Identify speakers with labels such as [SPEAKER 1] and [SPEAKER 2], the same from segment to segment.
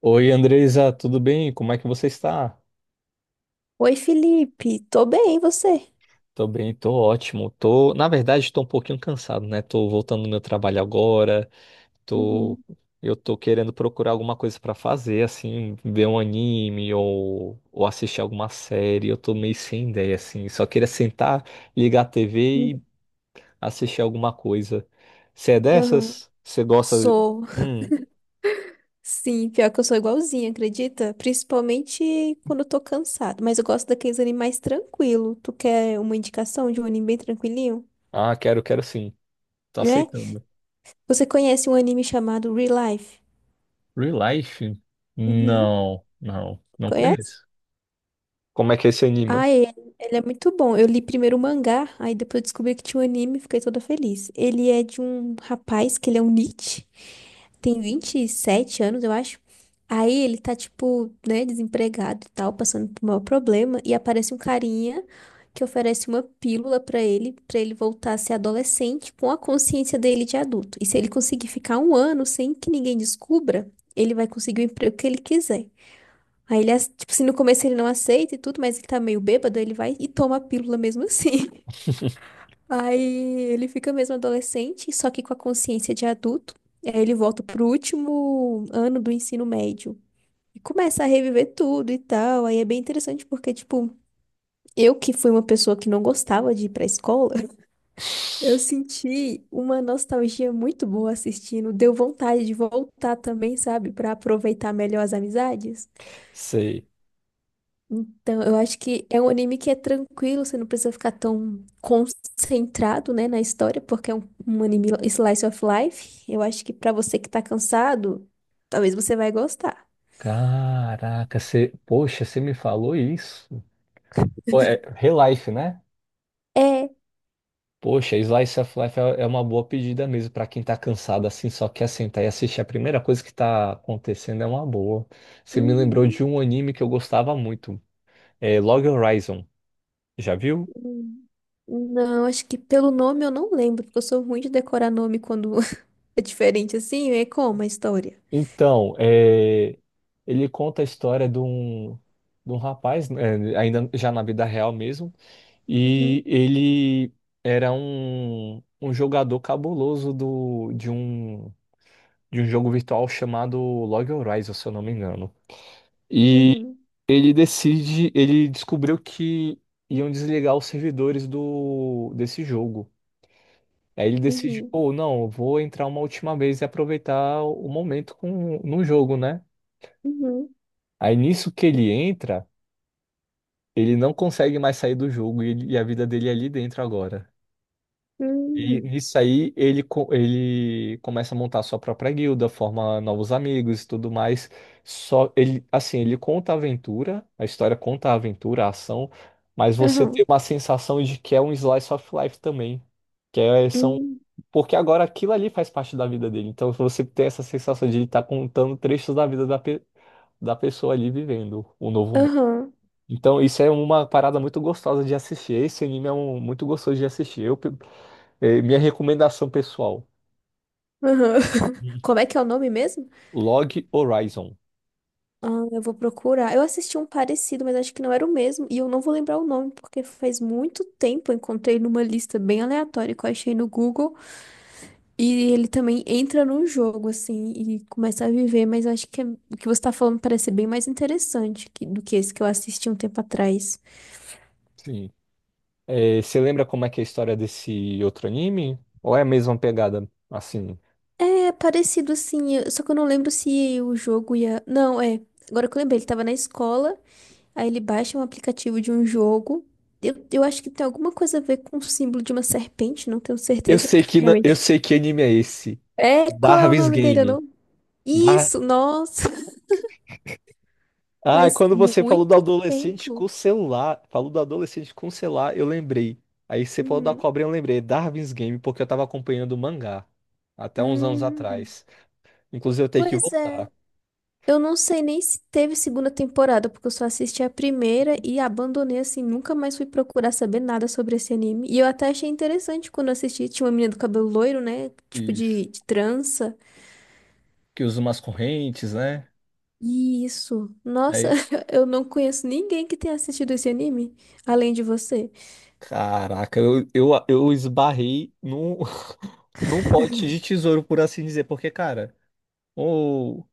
[SPEAKER 1] Oi, Andresa, tudo bem? Como é que você está?
[SPEAKER 2] Oi, Felipe. Tô bem, e você?
[SPEAKER 1] Tô bem, tô ótimo. Tô, na verdade, tô um pouquinho cansado, né? Tô voltando do meu trabalho agora. Tô,
[SPEAKER 2] Uhum.
[SPEAKER 1] eu tô querendo procurar alguma coisa pra fazer, assim, ver um anime ou assistir alguma série. Eu tô meio sem ideia, assim. Só queria sentar, ligar a
[SPEAKER 2] Hum.
[SPEAKER 1] TV e assistir alguma coisa. Você é
[SPEAKER 2] Aham.
[SPEAKER 1] dessas? Você gosta?
[SPEAKER 2] Sou.
[SPEAKER 1] Hum,
[SPEAKER 2] Sim, pior que eu sou igualzinha, acredita? Principalmente quando eu tô cansado. Mas eu gosto daqueles animes mais tranquilo. Tu quer uma indicação de um anime bem tranquilinho?
[SPEAKER 1] ah, quero sim. Tô
[SPEAKER 2] Né?
[SPEAKER 1] aceitando.
[SPEAKER 2] Você conhece um anime chamado Real Life?
[SPEAKER 1] Real Life?
[SPEAKER 2] Uhum.
[SPEAKER 1] Não, não
[SPEAKER 2] Conhece?
[SPEAKER 1] conheço. Como é que ele se anima?
[SPEAKER 2] Ah, ele é muito bom. Eu li primeiro o mangá, aí depois eu descobri que tinha um anime e fiquei toda feliz. Ele é de um rapaz, que ele é um niche, tem 27 anos, eu acho. Aí ele tá, tipo, né, desempregado e tal, passando por um maior problema, e aparece um carinha que oferece uma pílula pra ele voltar a ser adolescente com a consciência dele de adulto. E se ele conseguir ficar um ano sem que ninguém descubra, ele vai conseguir o emprego que ele quiser. Aí ele, tipo assim, no começo ele não aceita e tudo, mas ele tá meio bêbado, ele vai e toma a pílula mesmo assim. Aí ele fica mesmo adolescente, só que com a consciência de adulto. E aí ele volta pro último ano do ensino médio e começa a reviver tudo e tal. Aí é bem interessante porque, tipo, eu que fui uma pessoa que não gostava de ir pra escola, eu senti uma nostalgia muito boa assistindo. Deu vontade de voltar também, sabe, pra aproveitar melhor as amizades.
[SPEAKER 1] Sei.
[SPEAKER 2] Então, eu acho que é um anime que é tranquilo, você não precisa ficar tão concentrado, né, na história, porque é um, um anime slice of life. Eu acho que pra você que tá cansado, talvez você vai gostar.
[SPEAKER 1] Caraca, você, poxa, você me falou isso. Pô, é Relife, né?
[SPEAKER 2] É.
[SPEAKER 1] Poxa, Slice of Life é uma boa pedida mesmo pra quem tá cansado assim, só quer sentar e assistir. A primeira coisa que tá acontecendo é uma boa. Você me lembrou de
[SPEAKER 2] Uhum,
[SPEAKER 1] um anime que eu gostava muito, é Log Horizon. Já viu?
[SPEAKER 2] uhum. Não, acho que pelo nome eu não lembro, porque eu sou ruim de decorar nome quando é diferente assim, é como a história.
[SPEAKER 1] Então, é, ele conta a história de um rapaz, né, ainda já na vida real mesmo.
[SPEAKER 2] Uhum,
[SPEAKER 1] E ele era um jogador cabuloso do, de um jogo virtual chamado Log Horizon, se eu não me engano. E
[SPEAKER 2] uhum,
[SPEAKER 1] ele decide, ele descobriu que iam desligar os servidores do, desse jogo. Aí ele decide,
[SPEAKER 2] uhum,
[SPEAKER 1] pô, não, eu vou entrar uma última vez e aproveitar o momento com, no jogo, né?
[SPEAKER 2] uhum,
[SPEAKER 1] Aí nisso que ele entra, ele não consegue mais sair do jogo e a vida dele é ali dentro agora. E
[SPEAKER 2] uhum,
[SPEAKER 1] nisso aí ele começa a montar sua própria guilda, forma novos amigos e tudo mais. Só ele, assim, ele conta a aventura, a história conta a aventura, a ação, mas você tem uma sensação de que é um slice of life também, que é,
[SPEAKER 2] uhum,
[SPEAKER 1] são
[SPEAKER 2] uhum,
[SPEAKER 1] porque agora aquilo ali faz parte da vida dele. Então você tem essa sensação de ele estar contando trechos da vida da pessoa ali vivendo o novo mundo. Então, isso é uma parada muito gostosa de assistir. Esse anime é um, muito gostoso de assistir. Eu, é, minha recomendação pessoal:
[SPEAKER 2] uhum. Como é que é o nome mesmo?
[SPEAKER 1] Log Horizon.
[SPEAKER 2] Ah, eu vou procurar. Eu assisti um parecido, mas acho que não era o mesmo. E eu não vou lembrar o nome, porque faz muito tempo eu encontrei numa lista bem aleatória que eu achei no Google. E ele também entra num jogo, assim, e começa a viver. Mas eu acho que o que você tá falando parece bem mais interessante do que esse que eu assisti um tempo atrás.
[SPEAKER 1] Sim. É, você lembra como é que é a história desse outro anime? Ou é a mesma pegada? Assim,
[SPEAKER 2] É parecido, assim, só que eu não lembro se o jogo ia. Não, é. Agora que eu lembrei, ele tava na escola. Aí ele baixa um aplicativo de um jogo. Eu acho que tem alguma coisa a ver com o símbolo de uma serpente, não tenho certeza, porque foi
[SPEAKER 1] eu
[SPEAKER 2] realmente.
[SPEAKER 1] sei que anime é esse.
[SPEAKER 2] É, qual é o
[SPEAKER 1] Darwin's
[SPEAKER 2] nome dele? Eu
[SPEAKER 1] Game.
[SPEAKER 2] não.
[SPEAKER 1] Dar...
[SPEAKER 2] Isso, nossa,
[SPEAKER 1] Ah,
[SPEAKER 2] faz
[SPEAKER 1] quando você falou do
[SPEAKER 2] muito
[SPEAKER 1] adolescente com
[SPEAKER 2] tempo.
[SPEAKER 1] o celular, falou do adolescente com o celular, eu lembrei. Aí você falou da
[SPEAKER 2] Uhum.
[SPEAKER 1] cobrinha, eu lembrei. Darwin's Game, porque eu tava acompanhando o mangá até uns anos
[SPEAKER 2] Hum,
[SPEAKER 1] atrás. Inclusive eu tenho que
[SPEAKER 2] pois é.
[SPEAKER 1] voltar.
[SPEAKER 2] Eu não sei nem se teve segunda temporada, porque eu só assisti a primeira e abandonei assim, nunca mais fui procurar saber nada sobre esse anime. E eu até achei interessante quando eu assisti, tinha uma menina do cabelo loiro, né? Tipo
[SPEAKER 1] Isso.
[SPEAKER 2] de trança.
[SPEAKER 1] Que usa umas correntes, né?
[SPEAKER 2] Isso. Nossa, eu não conheço ninguém que tenha assistido esse anime, além de você.
[SPEAKER 1] Caraca, eu esbarrei num, num pote de tesouro, por assim dizer, porque, cara, ou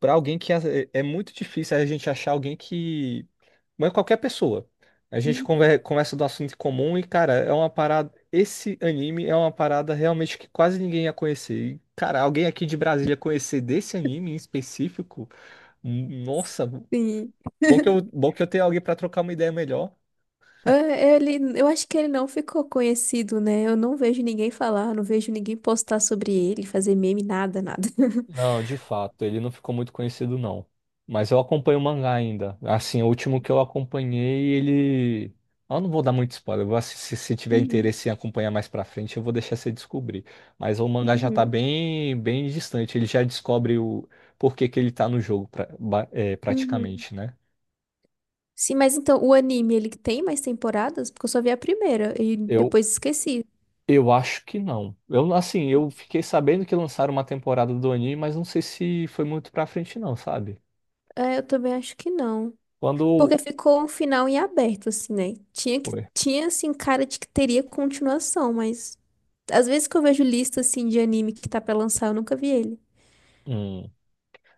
[SPEAKER 1] para alguém que é, é muito difícil a gente achar alguém que. Mas qualquer pessoa. A gente
[SPEAKER 2] Hum.
[SPEAKER 1] conversa do assunto em comum e, cara, é uma parada. Esse anime é uma parada realmente que quase ninguém ia conhecer. E, cara, alguém aqui de Brasília conhecer desse anime em específico, nossa,
[SPEAKER 2] Sim.
[SPEAKER 1] bom que eu tenho alguém pra trocar uma ideia melhor.
[SPEAKER 2] É, ele, eu acho que ele não ficou conhecido, né? Eu não vejo ninguém falar, não vejo ninguém postar sobre ele, fazer meme, nada, nada.
[SPEAKER 1] Não, de fato, ele não ficou muito conhecido, não. Mas eu acompanho o mangá ainda. Assim, o último que eu acompanhei, ele. Eu não vou dar muito spoiler. Se, se tiver
[SPEAKER 2] Uhum,
[SPEAKER 1] interesse em acompanhar mais pra frente, eu vou deixar você descobrir. Mas o mangá já tá
[SPEAKER 2] uhum,
[SPEAKER 1] bem distante. Ele já descobre o porquê que ele tá no jogo, é,
[SPEAKER 2] uhum.
[SPEAKER 1] praticamente, né?
[SPEAKER 2] Sim, mas então o anime, ele tem mais temporadas? Porque eu só vi a primeira e
[SPEAKER 1] Eu,
[SPEAKER 2] depois esqueci.
[SPEAKER 1] eu acho que não. Eu, assim, eu fiquei sabendo que lançaram uma temporada do anime, mas não sei se foi muito pra frente, não, sabe?
[SPEAKER 2] É, eu também acho que não. Porque
[SPEAKER 1] Quando.
[SPEAKER 2] ficou um final em aberto, assim, né? Tinha
[SPEAKER 1] Foi.
[SPEAKER 2] tinha, assim, cara de que teria continuação, mas às vezes que eu vejo lista, assim, de anime que tá pra lançar, eu nunca vi ele.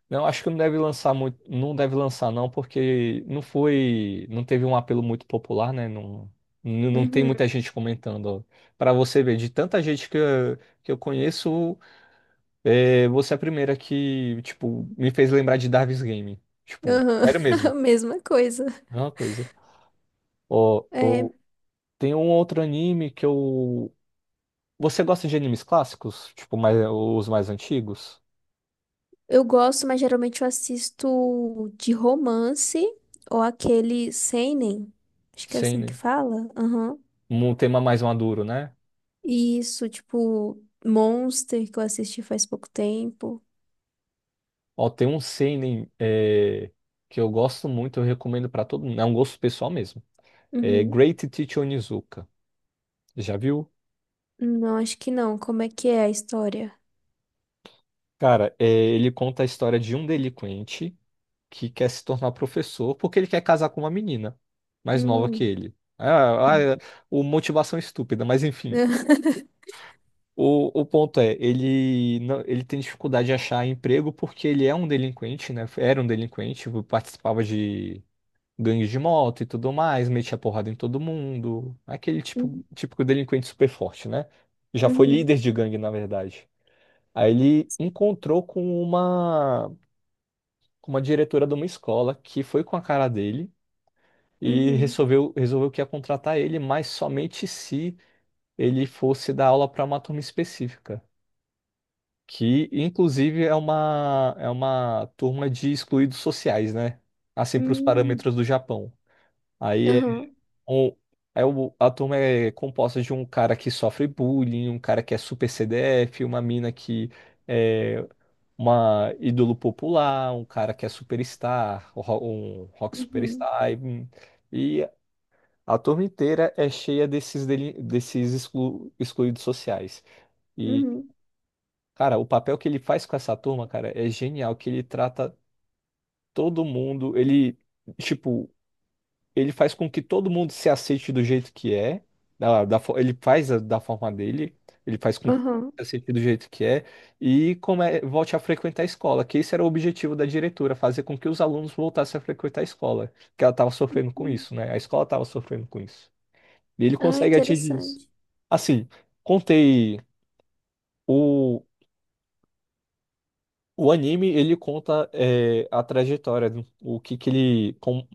[SPEAKER 1] Não, acho que não deve lançar muito, não deve lançar não, porque não foi, não teve um apelo muito popular, né? Não, não tem
[SPEAKER 2] Uhum,
[SPEAKER 1] muita gente comentando. Para você ver, de tanta gente que eu conheço, é, você é a primeira que, tipo, me fez lembrar de Darwin's Game. Tipo, sério
[SPEAKER 2] aham,
[SPEAKER 1] mesmo,
[SPEAKER 2] mesma coisa.
[SPEAKER 1] é uma coisa. Ó,
[SPEAKER 2] É,
[SPEAKER 1] ó, tem um outro anime que eu... Você gosta de animes clássicos? Tipo, mais, os mais antigos?
[SPEAKER 2] eu gosto, mas geralmente eu assisto de romance ou aquele seinen, acho que é
[SPEAKER 1] Sim,
[SPEAKER 2] assim que
[SPEAKER 1] né?
[SPEAKER 2] fala. Aham.
[SPEAKER 1] Um tema mais maduro, né?
[SPEAKER 2] E isso, tipo, Monster, que eu assisti faz pouco tempo.
[SPEAKER 1] Ó, tem um seinen é, que eu gosto muito, eu recomendo pra todo mundo. É um gosto pessoal mesmo. É
[SPEAKER 2] Uhum.
[SPEAKER 1] Great Teacher Onizuka. Já viu?
[SPEAKER 2] Não, acho que não. Como é que é a história?
[SPEAKER 1] Cara, é, ele conta a história de um delinquente que quer se tornar professor porque ele quer casar com uma menina mais nova que
[SPEAKER 2] Hum.
[SPEAKER 1] ele. Ah, é, o motivação estúpida, mas enfim. O ponto é, ele não- ele tem dificuldade de achar emprego porque ele é um delinquente, né? Era um delinquente, participava de gangue de moto e tudo mais, metia porrada em todo mundo. Aquele
[SPEAKER 2] Uhum,
[SPEAKER 1] tipo, típico delinquente super forte, né? Já foi
[SPEAKER 2] uhum,
[SPEAKER 1] líder de gangue, na verdade. Aí ele
[SPEAKER 2] sim,
[SPEAKER 1] encontrou com uma diretora de uma escola que foi com a cara dele e
[SPEAKER 2] uhum,
[SPEAKER 1] resolveu que ia contratar ele, mas somente se ele fosse dar aula para uma turma específica. Que, inclusive, é uma turma de excluídos sociais, né? Assim, para os
[SPEAKER 2] uhum,
[SPEAKER 1] parâmetros do Japão. Aí
[SPEAKER 2] aham,
[SPEAKER 1] um- é o, a turma é composta de um cara que sofre bullying, um cara que é super CDF, uma mina que é uma ídolo popular, um cara que é superstar, um rock
[SPEAKER 2] uhum,
[SPEAKER 1] superstar. E a turma inteira é cheia desses, desses excluídos sociais. E,
[SPEAKER 2] uhum,
[SPEAKER 1] cara, o papel que ele faz com essa turma, cara, é genial, que ele trata todo mundo, ele. Tipo, ele faz com que todo mundo se aceite do jeito que é, da forma dele, ele faz com que
[SPEAKER 2] aham.
[SPEAKER 1] se aceite do jeito que é, e come, volte a frequentar a escola, que esse era o objetivo da diretora, fazer com que os alunos voltassem a frequentar a escola, que ela estava sofrendo com isso, né? A escola estava sofrendo com isso. E ele
[SPEAKER 2] Ah,
[SPEAKER 1] consegue atingir isso.
[SPEAKER 2] interessante.
[SPEAKER 1] Assim, contei o. O anime, ele conta é, a trajetória, né? O que que ele, com,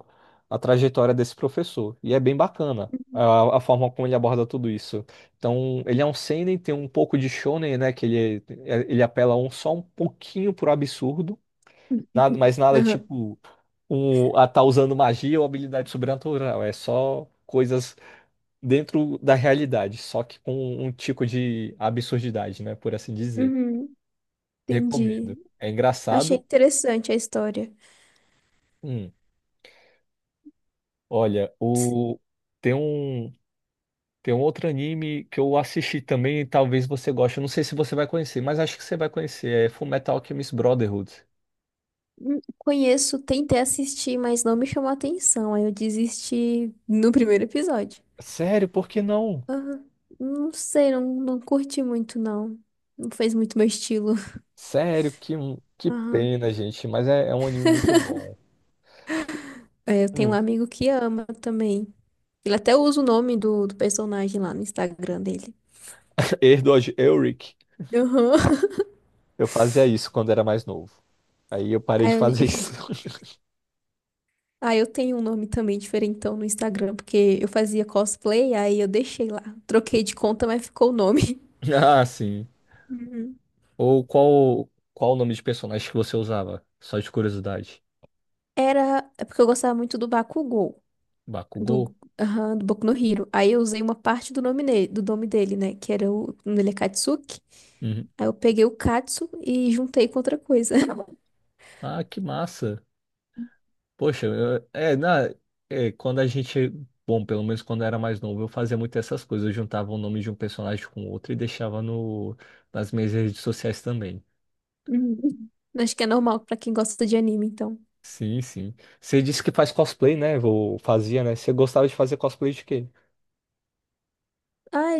[SPEAKER 1] a trajetória desse professor. E é bem bacana
[SPEAKER 2] Uhum,
[SPEAKER 1] a forma como ele aborda tudo isso. Então, ele é um seinen, tem um pouco de shonen, né? Que ele, é, ele apela um, só um pouquinho pro absurdo, nada, mas nada
[SPEAKER 2] aham,
[SPEAKER 1] tipo um, a tá usando magia ou habilidade sobrenatural. É só coisas dentro da realidade, só que com um tipo de absurdidade, né? Por assim dizer.
[SPEAKER 2] uhum, entendi.
[SPEAKER 1] Recomendo. É
[SPEAKER 2] Achei
[SPEAKER 1] engraçado.
[SPEAKER 2] interessante a história.
[SPEAKER 1] Hum. Olha,
[SPEAKER 2] Sim.
[SPEAKER 1] o tem um tem um outro anime que eu assisti também, e talvez você goste. Eu não sei se você vai conhecer, mas acho que você vai conhecer. É Fullmetal Alchemist Brotherhood.
[SPEAKER 2] Conheço, tentei assistir, mas não me chamou a atenção. Aí eu desisti no primeiro episódio.
[SPEAKER 1] Sério, por que não?
[SPEAKER 2] Aham. Não sei, não, não curti muito, não. Não fez muito meu estilo.
[SPEAKER 1] Sério, que
[SPEAKER 2] Aham.
[SPEAKER 1] pena, gente. Mas é um anime muito bom.
[SPEAKER 2] É, eu tenho um
[SPEAKER 1] Hum.
[SPEAKER 2] amigo que ama também. Ele até usa o nome do personagem lá no Instagram dele.
[SPEAKER 1] Edward Elric,
[SPEAKER 2] Aham.
[SPEAKER 1] eu fazia isso quando era mais novo. Aí eu parei de
[SPEAKER 2] Aí,
[SPEAKER 1] fazer isso.
[SPEAKER 2] eu aí eu tenho um nome também diferentão no Instagram, porque eu fazia cosplay, aí eu deixei lá. Troquei de conta, mas ficou o nome.
[SPEAKER 1] Ah, sim.
[SPEAKER 2] Uhum.
[SPEAKER 1] Ou qual o nome de personagem que você usava? Só de curiosidade.
[SPEAKER 2] Era. É porque eu gostava muito do Bakugou, do,
[SPEAKER 1] Bakugou?
[SPEAKER 2] aham, do Boku no Hero. Aí eu usei uma parte do nome, do nome dele, né? Que era o nome. Ele é Katsuki.
[SPEAKER 1] Uhum.
[SPEAKER 2] Aí eu peguei o Katsu e juntei com outra coisa.
[SPEAKER 1] Ah, que massa. Poxa, é, na, é, quando a gente, bom, pelo menos quando eu era mais novo, eu fazia muito essas coisas. Eu juntava o nome de um personagem com outro e deixava no, nas minhas redes sociais também.
[SPEAKER 2] Uhum. Acho que é normal pra quem gosta de anime, então.
[SPEAKER 1] Sim, sim. Você disse que faz cosplay, né? Ou fazia, né? Você gostava de fazer cosplay de quê?
[SPEAKER 2] Ai,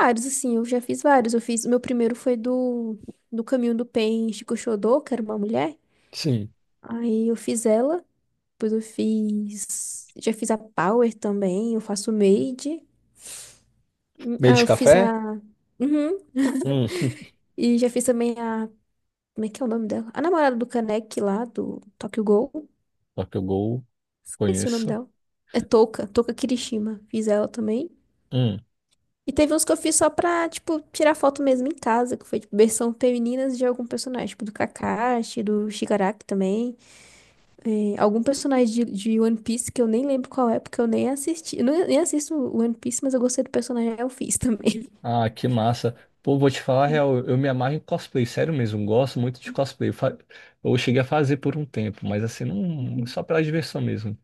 [SPEAKER 2] vários, assim, eu já fiz vários. Eu fiz, o meu primeiro foi do, do Caminho do Pen Chico Xodó, que era uma mulher.
[SPEAKER 1] Sim.
[SPEAKER 2] Aí eu fiz ela, depois eu fiz, já fiz a Power também, eu faço Made.
[SPEAKER 1] Meio
[SPEAKER 2] Ah,
[SPEAKER 1] de
[SPEAKER 2] eu fiz
[SPEAKER 1] café?
[SPEAKER 2] a, uhum.
[SPEAKER 1] Hum,
[SPEAKER 2] E já fiz também a, como é que é o nome dela? A namorada do Kaneki lá, do Tokyo Ghoul.
[SPEAKER 1] Tokyo Ghoul,
[SPEAKER 2] Esqueci o nome
[SPEAKER 1] conheço.
[SPEAKER 2] dela. É Touka, Touka Kirishima. Fiz ela também.
[SPEAKER 1] Hum.
[SPEAKER 2] E teve uns que eu fiz só pra, tipo, tirar foto mesmo em casa, que foi, tipo, versão femininas de algum personagem, tipo, do Kakashi, do Shigaraki também. É, algum personagem de One Piece que eu nem lembro qual é, porque eu nem assisti. Eu não- nem assisto One Piece, mas eu gostei do personagem, aí eu fiz também.
[SPEAKER 1] Ah, que massa. Pô, vou te falar a real, eu me amarro em cosplay, sério mesmo, gosto muito de cosplay. Eu cheguei a fazer por um tempo, mas assim, não,
[SPEAKER 2] Uhum.
[SPEAKER 1] só pela diversão mesmo.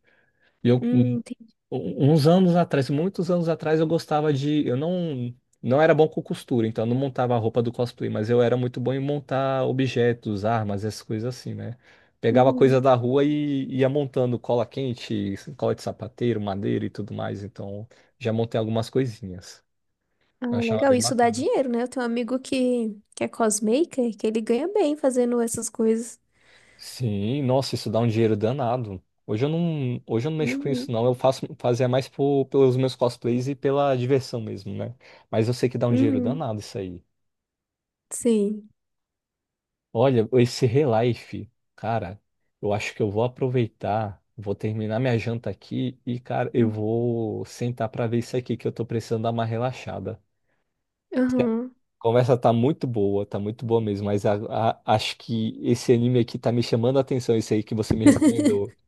[SPEAKER 1] E eu, um-
[SPEAKER 2] Entendi.
[SPEAKER 1] Uns anos atrás, muitos anos atrás, eu gostava de. Eu não, não era bom com costura, então eu não montava a roupa do cosplay, mas eu era muito bom em montar objetos, armas, essas coisas assim, né? Pegava coisa
[SPEAKER 2] Uhum.
[SPEAKER 1] da rua e ia montando cola quente, cola de sapateiro, madeira e tudo mais. Então já montei algumas coisinhas.
[SPEAKER 2] Ah,
[SPEAKER 1] Eu achava
[SPEAKER 2] legal,
[SPEAKER 1] bem
[SPEAKER 2] isso dá
[SPEAKER 1] bacana.
[SPEAKER 2] dinheiro, né? Eu tenho um amigo que é cosmaker, que ele ganha bem fazendo essas coisas.
[SPEAKER 1] Sim, nossa, isso dá um dinheiro danado. Hoje eu não mexo com isso
[SPEAKER 2] Uhum.
[SPEAKER 1] não, eu faço fazia mais pelos meus cosplays e pela diversão mesmo, né? Mas eu sei que dá um dinheiro
[SPEAKER 2] Uhum.
[SPEAKER 1] danado isso aí.
[SPEAKER 2] Sim.
[SPEAKER 1] Olha, esse Relife, cara, eu acho que eu vou aproveitar, vou terminar minha janta aqui e, cara, eu vou sentar pra ver isso aqui que eu tô precisando dar uma relaxada.
[SPEAKER 2] Uhum.
[SPEAKER 1] A conversa tá muito boa mesmo, mas acho que esse anime aqui tá me chamando a atenção, esse aí que você me recomendou.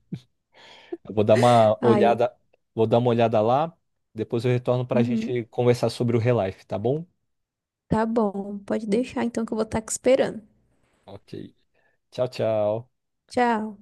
[SPEAKER 1] Eu vou dar uma
[SPEAKER 2] Ah, eu.
[SPEAKER 1] olhada, vou dar uma olhada lá, depois eu retorno para a
[SPEAKER 2] Uhum.
[SPEAKER 1] gente conversar sobre o Relife, tá bom?
[SPEAKER 2] Tá bom, pode deixar então que eu vou estar aqui esperando.
[SPEAKER 1] Ok. Tchau, tchau.
[SPEAKER 2] Tchau.